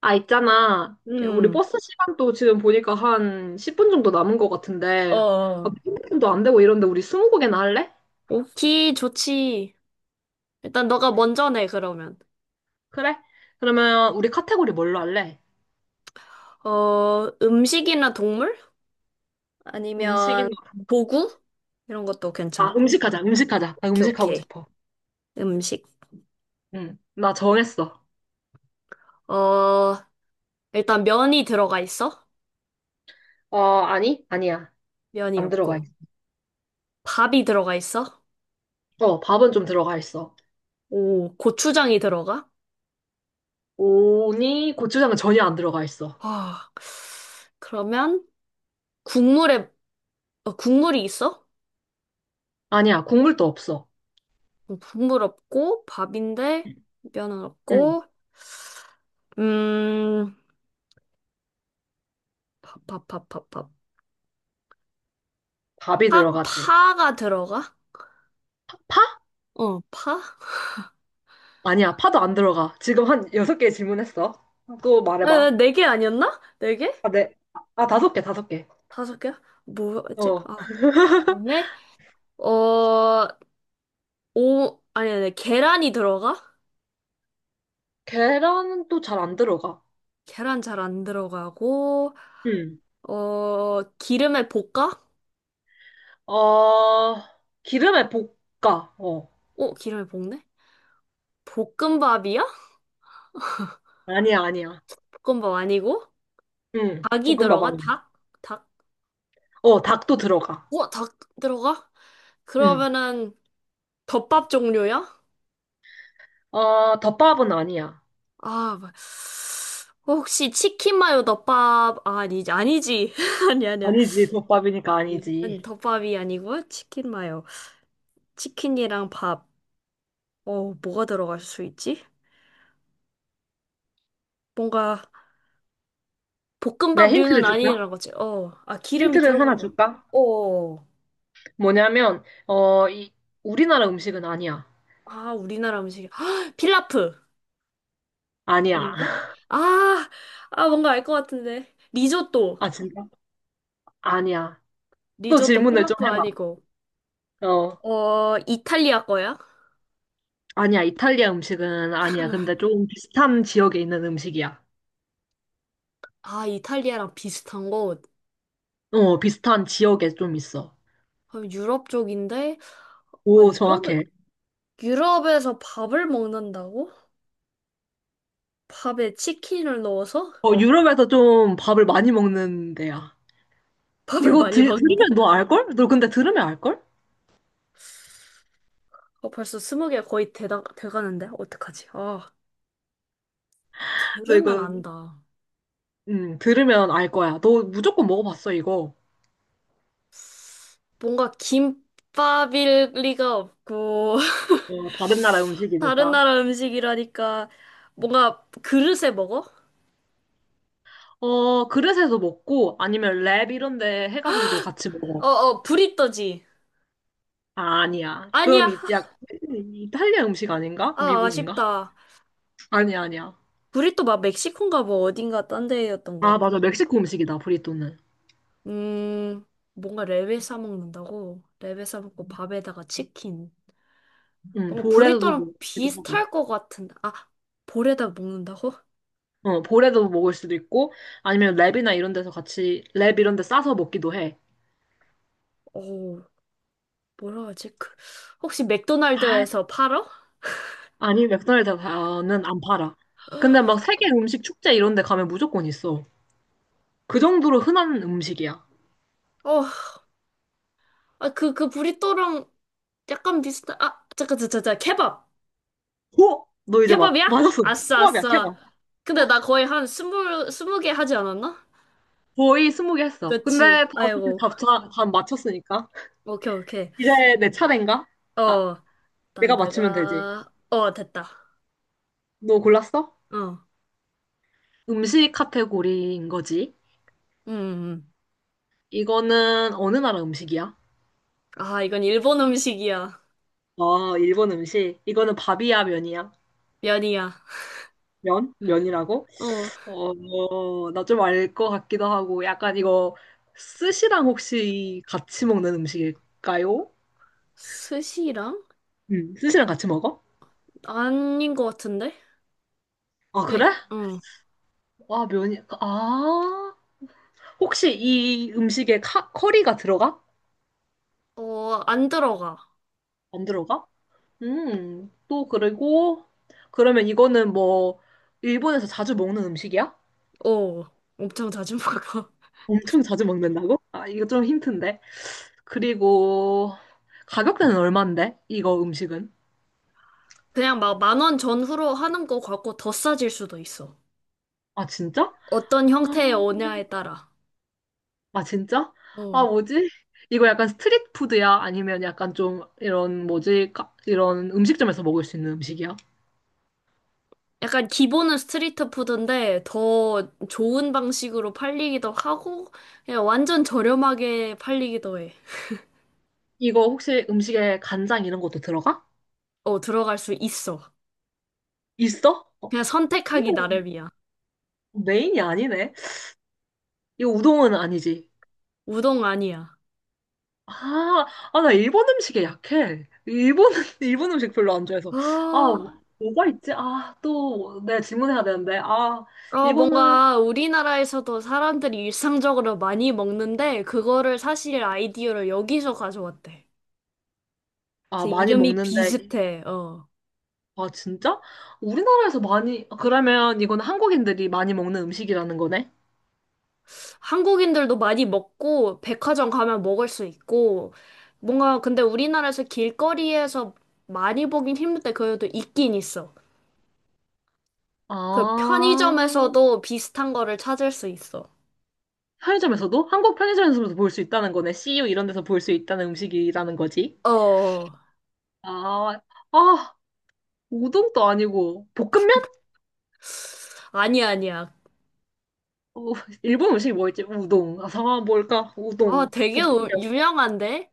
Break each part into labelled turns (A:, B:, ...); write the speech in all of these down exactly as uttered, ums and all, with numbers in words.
A: 아, 있잖아. 우리
B: 음,
A: 버스 시간도 지금 보니까 한 십 분 정도 남은 것 같은데, 아,
B: 어,
A: 분도 안 되고 이런데 우리 이십 곡이나 할래?
B: 오키, 좋지. 일단 너가 먼저 내, 그러면.
A: 그래? 그러면 우리 카테고리 뭘로 할래?
B: 어, 음식이나 동물? 아니면
A: 음식이나,
B: 도구? 이런 것도
A: 아,
B: 괜찮고.
A: 음식하자, 음식하자. 나
B: 오케이,
A: 음식하고
B: 오케이.
A: 싶어.
B: 음식.
A: 응, 나 정했어.
B: 어, 일단 면이 들어가 있어?
A: 어, 아니? 아니야.
B: 면이
A: 안 들어가
B: 없고.
A: 있어.
B: 밥이 들어가 있어?
A: 어, 밥은 좀 들어가 있어.
B: 오, 고추장이 들어가?
A: 오니 고추장은 전혀 안 들어가 있어.
B: 아, 그러면 국물에, 어, 국물이 있어?
A: 아니야, 국물도 없어.
B: 어, 국물 없고, 밥인데, 면은
A: 응,
B: 없고, 음, 파, 파, 파, 파, 파.
A: 밥이
B: 파,
A: 들어가지.
B: 파가 들어가?
A: 파?
B: 어, 파?
A: 아니야, 파도 안 들어가. 지금 한 여섯 개 질문했어. 또
B: 아,
A: 말해봐.
B: 네개 아니었나? 네 개?
A: 아, 네. 아, 다섯 개, 다섯 개.
B: 다섯 개야? 뭐였지?
A: 어.
B: 아, 그다음에 어, 오, 아니, 아니, 계란이 들어가?
A: 계란은 또 잘 안 들어가.
B: 계란 잘 안 들어가고,
A: 응.
B: 어, 기름에 볶아?
A: 어, 기름에 볶아. 어.
B: 어, 기름에 볶네? 볶음밥이야?
A: 아니야, 아니야.
B: 볶음밥 아니고?
A: 응.
B: 닭이
A: 볶음밥
B: 들어가?
A: 아니야.
B: 닭? 닭?
A: 어, 닭도 들어가.
B: 우와, 닭 들어가?
A: 응.
B: 그러면은 덮밥 종류야?
A: 어, 덮밥은 아니야.
B: 아, 뭐- 혹시 치킨 마요 덮밥 아, 아니지 아니지 아니 아니야.
A: 아니지, 덮밥이니까
B: 음. 아니,
A: 아니지.
B: 덮밥이 아니고 치킨 마요 치킨이랑 밥 어 뭐가 들어갈 수 있지? 뭔가
A: 내 힌트를
B: 볶음밥류는
A: 줄까?
B: 아니라는 거지 어아 기름이
A: 힌트를 하나
B: 들어가고
A: 줄까?
B: 어아
A: 뭐냐면, 어, 이, 우리나라 음식은 아니야.
B: 우리나라 음식이 필라프
A: 아니야.
B: 아닌가? 아 아 뭔가 알 것 같은데 리조또.
A: 아, 진짜? 아니야. 또
B: 리조또
A: 질문을 좀
B: 필라프
A: 해봐.
B: 아니고
A: 어,
B: 어 이탈리아 거야?
A: 아니야. 이탈리아 음식은 아니야. 근데 좀 비슷한 지역에 있는 음식이야.
B: 아 이탈리아랑 비슷한 거.
A: 어, 비슷한 지역에 좀 있어.
B: 아, 유럽 쪽인데? 아,
A: 오,
B: 유럽에,
A: 정확해.
B: 유럽에서 밥을 먹는다고? 밥에 치킨을 넣어서
A: 어, 유럽에서 좀 밥을 많이 먹는 데야.
B: 밥을
A: 이거
B: 많이
A: 들,
B: 먹는데?
A: 들으면 너 알걸? 너 근데 들으면 알걸?
B: 어, 벌써 스무 개 거의 되다 돼가는데? 어떡하지? 아,
A: 너
B: 들으면
A: 이거,
B: 안다.
A: 음, 들으면 알 거야. 너 무조건 먹어봤어, 이거.
B: 뭔가 김밥일 리가 없고,
A: 어, 다른 나라
B: 다른
A: 음식이니까.
B: 나라 음식이라니까, 뭔가 그릇에 먹어?
A: 어, 그릇에서 먹고, 아니면 랩 이런 데 해가지고도 같이 먹어.
B: 어어, 브리또지.
A: 아, 아니야. 그건
B: 아니야.
A: 이- 약, 이탈리아 음식 아닌가?
B: 아,
A: 미국인가?
B: 아쉽다.
A: 아니야, 아니야.
B: 브리또 막 멕시코인가 뭐 어딘가 딴 데였던
A: 아,
B: 것 같아.
A: 맞아. 멕시코 음식이다, 브리또는.
B: 음, 뭔가 랩에 싸먹는다고? 랩에 싸먹고 음. 밥에다가 치킨.
A: 응,
B: 뭔가
A: 볼에서도
B: 브리또랑
A: 먹기도 하고.
B: 비슷할 것 같은데. 아, 볼에다 먹는다고?
A: 어, 볼에도 먹을 수도 있고, 아니면 랩이나 이런 데서 같이, 랩 이런 데 싸서 먹기도 해.
B: 어, 뭐라 하지? 그, 혹시
A: 아,
B: 맥도날드에서 팔어?
A: 아니, 맥도날드는 안 팔아. 근데 막 세계 음식 축제 이런 데 가면 무조건 있어. 그 정도로 흔한 음식이야.
B: 어, 아, 그, 그 브리또랑 약간 비슷한, 아, 잠깐, 잠깐, 잠깐, 케밥.
A: 오! 너 이제 막,
B: 케밥이야?
A: 맞았어.
B: 아싸,
A: 통합이야,
B: 아싸.
A: 케밥.
B: 근데 나 거의 한 스물, 스무 개 하지 않았나?
A: 거의 스무 개 했어. 근데
B: 그치.
A: 다 어차피
B: 아이고.
A: 답다 맞췄으니까.
B: 오케이, 오케이.
A: 이제 내 차례인가? 아,
B: 어, 난
A: 내가 맞추면 되지.
B: 내가, 어, 됐다.
A: 너 골랐어?
B: 어. 음.
A: 음식 카테고리인 거지.
B: 음. 음.
A: 이거는 어느 나라 음식이야?
B: 아, 이건 일본 음식이야.
A: 아, 일본 음식. 이거는 밥이야, 면이야?
B: 면이야.
A: 면? 면이라고?
B: 어,
A: 어, 나 좀 알 것 같기도 하고, 약간 이거 스시랑 혹시 같이 먹는 음식일까요?
B: 스시랑?
A: 음, 스시랑 같이 먹어?
B: 아닌 것 같은데?
A: 아,
B: 그냥,
A: 그래?
B: 응.
A: 아, 면이, 아. 혹시 이 음식에 카, 커리가 들어가?
B: 어, 안 들어가.
A: 안 들어가? 음, 또 그리고, 그러면 이거는 뭐, 일본에서 자주 먹는 음식이야?
B: 어, 엄청 자주 먹어.
A: 엄청 자주 먹는다고? 아, 이거 좀 힌트인데. 그리고 가격대는 얼만데? 이거 음식은?
B: 그냥 막 만원 전후로 하는 거 같고 더 싸질 수도 있어.
A: 아, 진짜?
B: 어떤
A: 아,
B: 형태의 오냐에 따라.
A: 아, 진짜? 아,
B: 어.
A: 뭐지? 이거 약간 스트릿 푸드야? 아니면 약간 좀 이런 뭐지? 가- 이런 음식점에서 먹을 수 있는 음식이야?
B: 약간 기본은 스트리트 푸드인데 더 좋은 방식으로 팔리기도 하고 그냥 완전 저렴하게 팔리기도 해.
A: 이거 혹시 음식에 간장 이런 것도 들어가?
B: 어, 들어갈 수 있어.
A: 있어? 어,
B: 그냥 선택하기
A: 근데
B: 나름이야.
A: 메인이 아니네. 이거 우동은 아니지.
B: 우동 아니야.
A: 아, 아, 나 일본 음식에 약해. 일본, 일본 음식 별로 안 좋아해서. 아,
B: 아,
A: 뭐- 뭐가 있지? 아, 또 내가 질문해야 되는데. 아,
B: 어,
A: 이거는
B: 뭔가 우리나라에서도 사람들이 일상적으로 많이 먹는데, 그거를 사실 아이디어를 여기서 가져왔대.
A: 아,
B: 그래서
A: 많이
B: 이름이
A: 먹는데,
B: 비슷해. 어.
A: 아, 진짜? 우리나라에서 많이, 아, 그러면 이건 한국인들이 많이 먹는 음식이라는 거네?
B: 한국인들도 많이 먹고, 백화점 가면 먹을 수 있고, 뭔가 근데 우리나라에서 길거리에서 많이 보긴 힘든데, 그래도 있긴 있어. 그
A: 아,
B: 편의점에서도 비슷한 거를 찾을 수 있어.
A: 편의점에서도? 한국 편의점에서도 볼 수 있다는 거네. 씨유 이런 데서 볼 수 있다는 음식이라는 거지.
B: 어, 어.
A: 아, 아, 우동도 아니고, 볶음면?
B: 아니야, 아니야.
A: 어, 일본 음식이 뭐였지? 우동. 아, 상황 뭘까?
B: 아,
A: 우동,
B: 되게 우-
A: 볶음면.
B: 유명한데?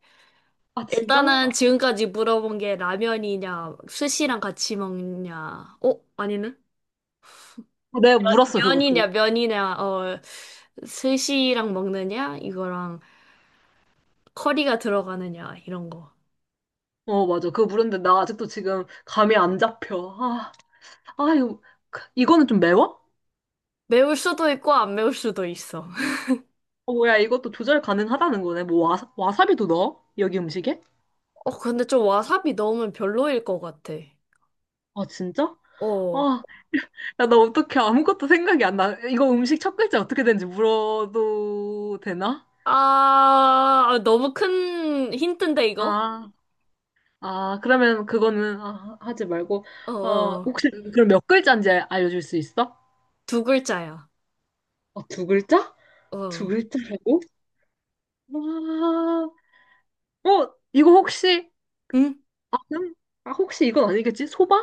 A: 아, 진짜?
B: 일단은 지금까지 물어본 게 라면이냐, 스시랑 같이 먹냐, 어? 아니네?
A: 아, 내가 물었어,
B: 면이냐,
A: 그것도.
B: 면이냐, 어, 스시랑 먹느냐, 이거랑 커리가 들어가느냐, 이런 거.
A: 어, 맞아. 그거 물었는데 나 아직도 지금 감이 안 잡혀. 아, 아, 이거, 이거는 좀 매워?
B: 매울 수도 있고, 안 매울 수도 있어.
A: 어, 뭐야, 이것도 조절 가능하다는 거네. 뭐, 와사, 와사비도 넣어? 여기 음식에?
B: 어, 근데 좀 와사비 넣으면 별로일 것 같아.
A: 아, 진짜?
B: 어.
A: 아, 야, 나 어떡해. 아무것도 생각이 안 나. 이거 음식 첫 글자 어떻게 되는지 물어도 되나?
B: 아, 너무 큰 힌트인데, 이거?
A: 아, 아, 그러면 그거는 아, 하지 말고.
B: 어,
A: 어,
B: 어.
A: 혹시 그럼 몇 글자인지 알- 알려줄 수 있어?
B: 두 글자야.
A: 어, 두 글자? 두
B: 어.
A: 글자라고? 와, 어, 이거 혹시,
B: 응?
A: 아, 그럼- 아, 혹시 이건 아니겠지? 소바?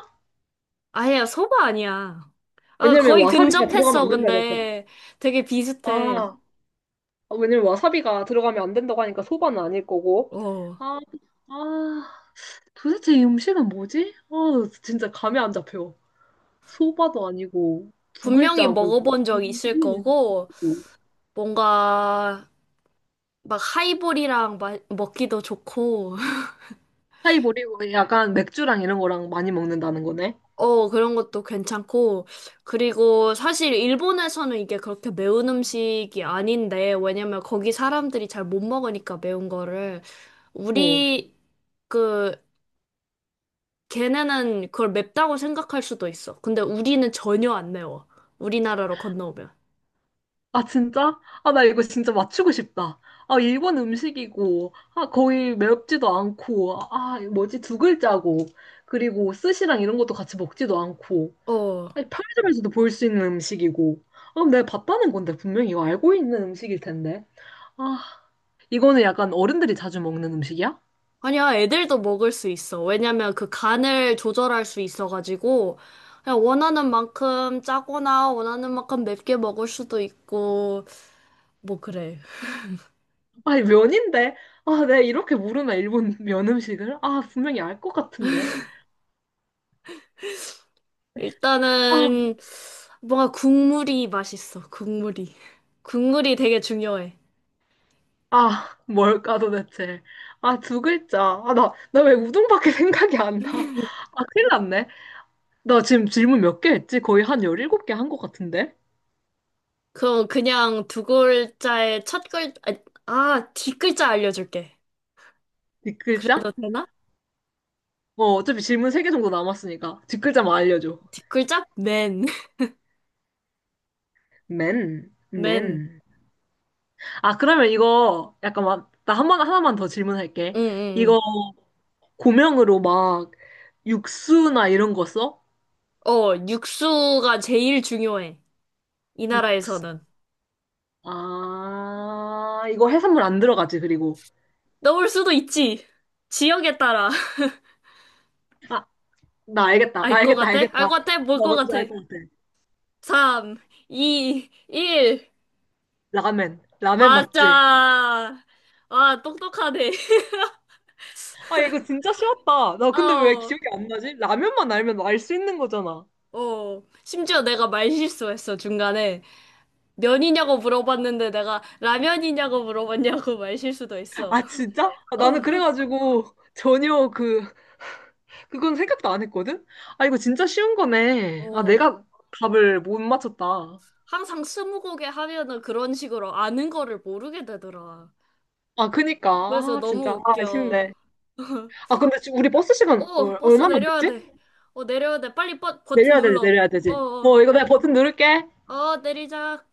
B: 아니야, 소바 아니야. 아,
A: 왜냐면
B: 거의
A: 와사비가 들어가면
B: 근접했어,
A: 안 된다니까.
B: 근데. 되게 비슷해.
A: 아, 아, 왜냐면 와사비가 들어가면 안 된다고 하니까 소바는 아닐 거고.
B: 어.
A: 아, 아, 도대체 이 음식은 뭐지? 아, 진짜 감이 안 잡혀. 소바도 아니고, 두
B: 분명히
A: 글자고,
B: 먹어본 적 있을
A: 일본이고.
B: 거고, 뭔가, 막 하이볼이랑 마- 먹기도 좋고,
A: 하이볼이고, 약간 맥주랑 이런 거랑 많이 먹는다는 거네.
B: 어, 그런 것도 괜찮고, 그리고 사실 일본에서는 이게 그렇게 매운 음식이 아닌데, 왜냐면 거기 사람들이 잘 못 먹으니까 매운 거를,
A: 어.
B: 우리, 그 걔네는 그걸 맵다고 생각할 수도 있어. 근데 우리는 전혀 안 매워. 우리나라로 건너오면.
A: 아, 진짜? 아, 나 이거 진짜 맞추고 싶다. 아, 일본 음식이고, 아, 거의 매럽지도 않고, 아, 뭐지? 두 글자고, 그리고 스시랑 이런 것도 같이 먹지도 않고.
B: 어.
A: 아니, 편의점에서도 볼 수 있는 음식이고. 아, 내가 봤다는 건데, 분명히 이거 알고 있는 음식일 텐데. 아, 이거는 약간 어른들이 자주 먹는 음식이야?
B: 아니야, 애들도 먹을 수 있어. 왜냐면 그 간을 조절할 수 있어가지고, 그냥 원하는 만큼 짜거나 원하는 만큼 맵게 먹을 수도 있고, 뭐 그래.
A: 아니, 면인데? 아, 내가 이렇게 물으면 일본 면 음식을? 아, 분명히 알 것 같은데. 아,
B: 일단은, 뭔가 국물이 맛있어, 국물이. 국물이 되게 중요해.
A: 아, 뭘까 도대체. 아, 두 글자. 아, 나, 나 왜 우동밖에 생각이 안 나. 아, 큰일 났네. 나 지금 질문 몇 개 했지? 거의 한 열일곱 개 한 것 같은데?
B: 그럼 그냥 두 글자의 첫 글, 아, 아, 뒷글자 알려줄게.
A: 뒷글자?
B: 그래도 되나?
A: 어, 어차피 질문 세 개 정도 남았으니까. 뒷글자만 알려줘.
B: 뒷글자? 맨.
A: 맨,
B: 맨.
A: 맨. 아, 그러면 이거 약간 막, 나 한 번, 하나만 더 질문할게.
B: 응, 응,
A: 이거 고명으로 막 육수나 이런 거 써?
B: 응. 어, 육수가 제일 중요해. 이
A: 육수.
B: 나라에서는.
A: 아, 이거 해산물 안 들어가지, 그리고.
B: 넣을 수도 있지. 지역에 따라.
A: 아, 나 알겠다.
B: 알
A: 나
B: 것
A: 알겠다,
B: 같아?
A: 알겠다.
B: 알
A: 나
B: 것 같아? 뭘 것
A: 뭔지
B: 같아?
A: 알 것 같아.
B: 삼, 이, 일.
A: 라멘. 라멘 맞지?
B: 맞아. 아, 똑똑하네.
A: 아, 이거 진짜 쉬웠다. 나 근데 왜
B: 어,
A: 기억이 안 나지? 라면만 알면 알 수 있는 거잖아.
B: 어. 심지어 내가 말 실수했어, 중간에. 면이냐고 물어봤는데 내가 라면이냐고 물어봤냐고 말 실수도 했어.
A: 아, 진짜? 아, 나는
B: 어,
A: 그래가지고 전혀 그 그건 생각도 안 했거든? 아, 이거 진짜 쉬운 거네. 아,
B: 어.
A: 내가 답을 못 맞췄다.
B: 항상 스무고개 하면은 그런 식으로 아는 거를 모르게 되더라.
A: 아, 그니까.
B: 그래서
A: 아, 진짜.
B: 너무
A: 아,
B: 웃겨.
A: 아쉽네. 아, 근데 지금 우리 버스 시간
B: 어,
A: 얼,
B: 버스
A: 마나
B: 내려야
A: 남았지?
B: 돼. 어, 내려야 돼. 빨리 버, 버튼
A: 내려야 되지,
B: 눌러.
A: 내려야
B: 어,
A: 되지.
B: 어,
A: 어, 이거 내가 버튼 누를게.
B: 어, 내리자.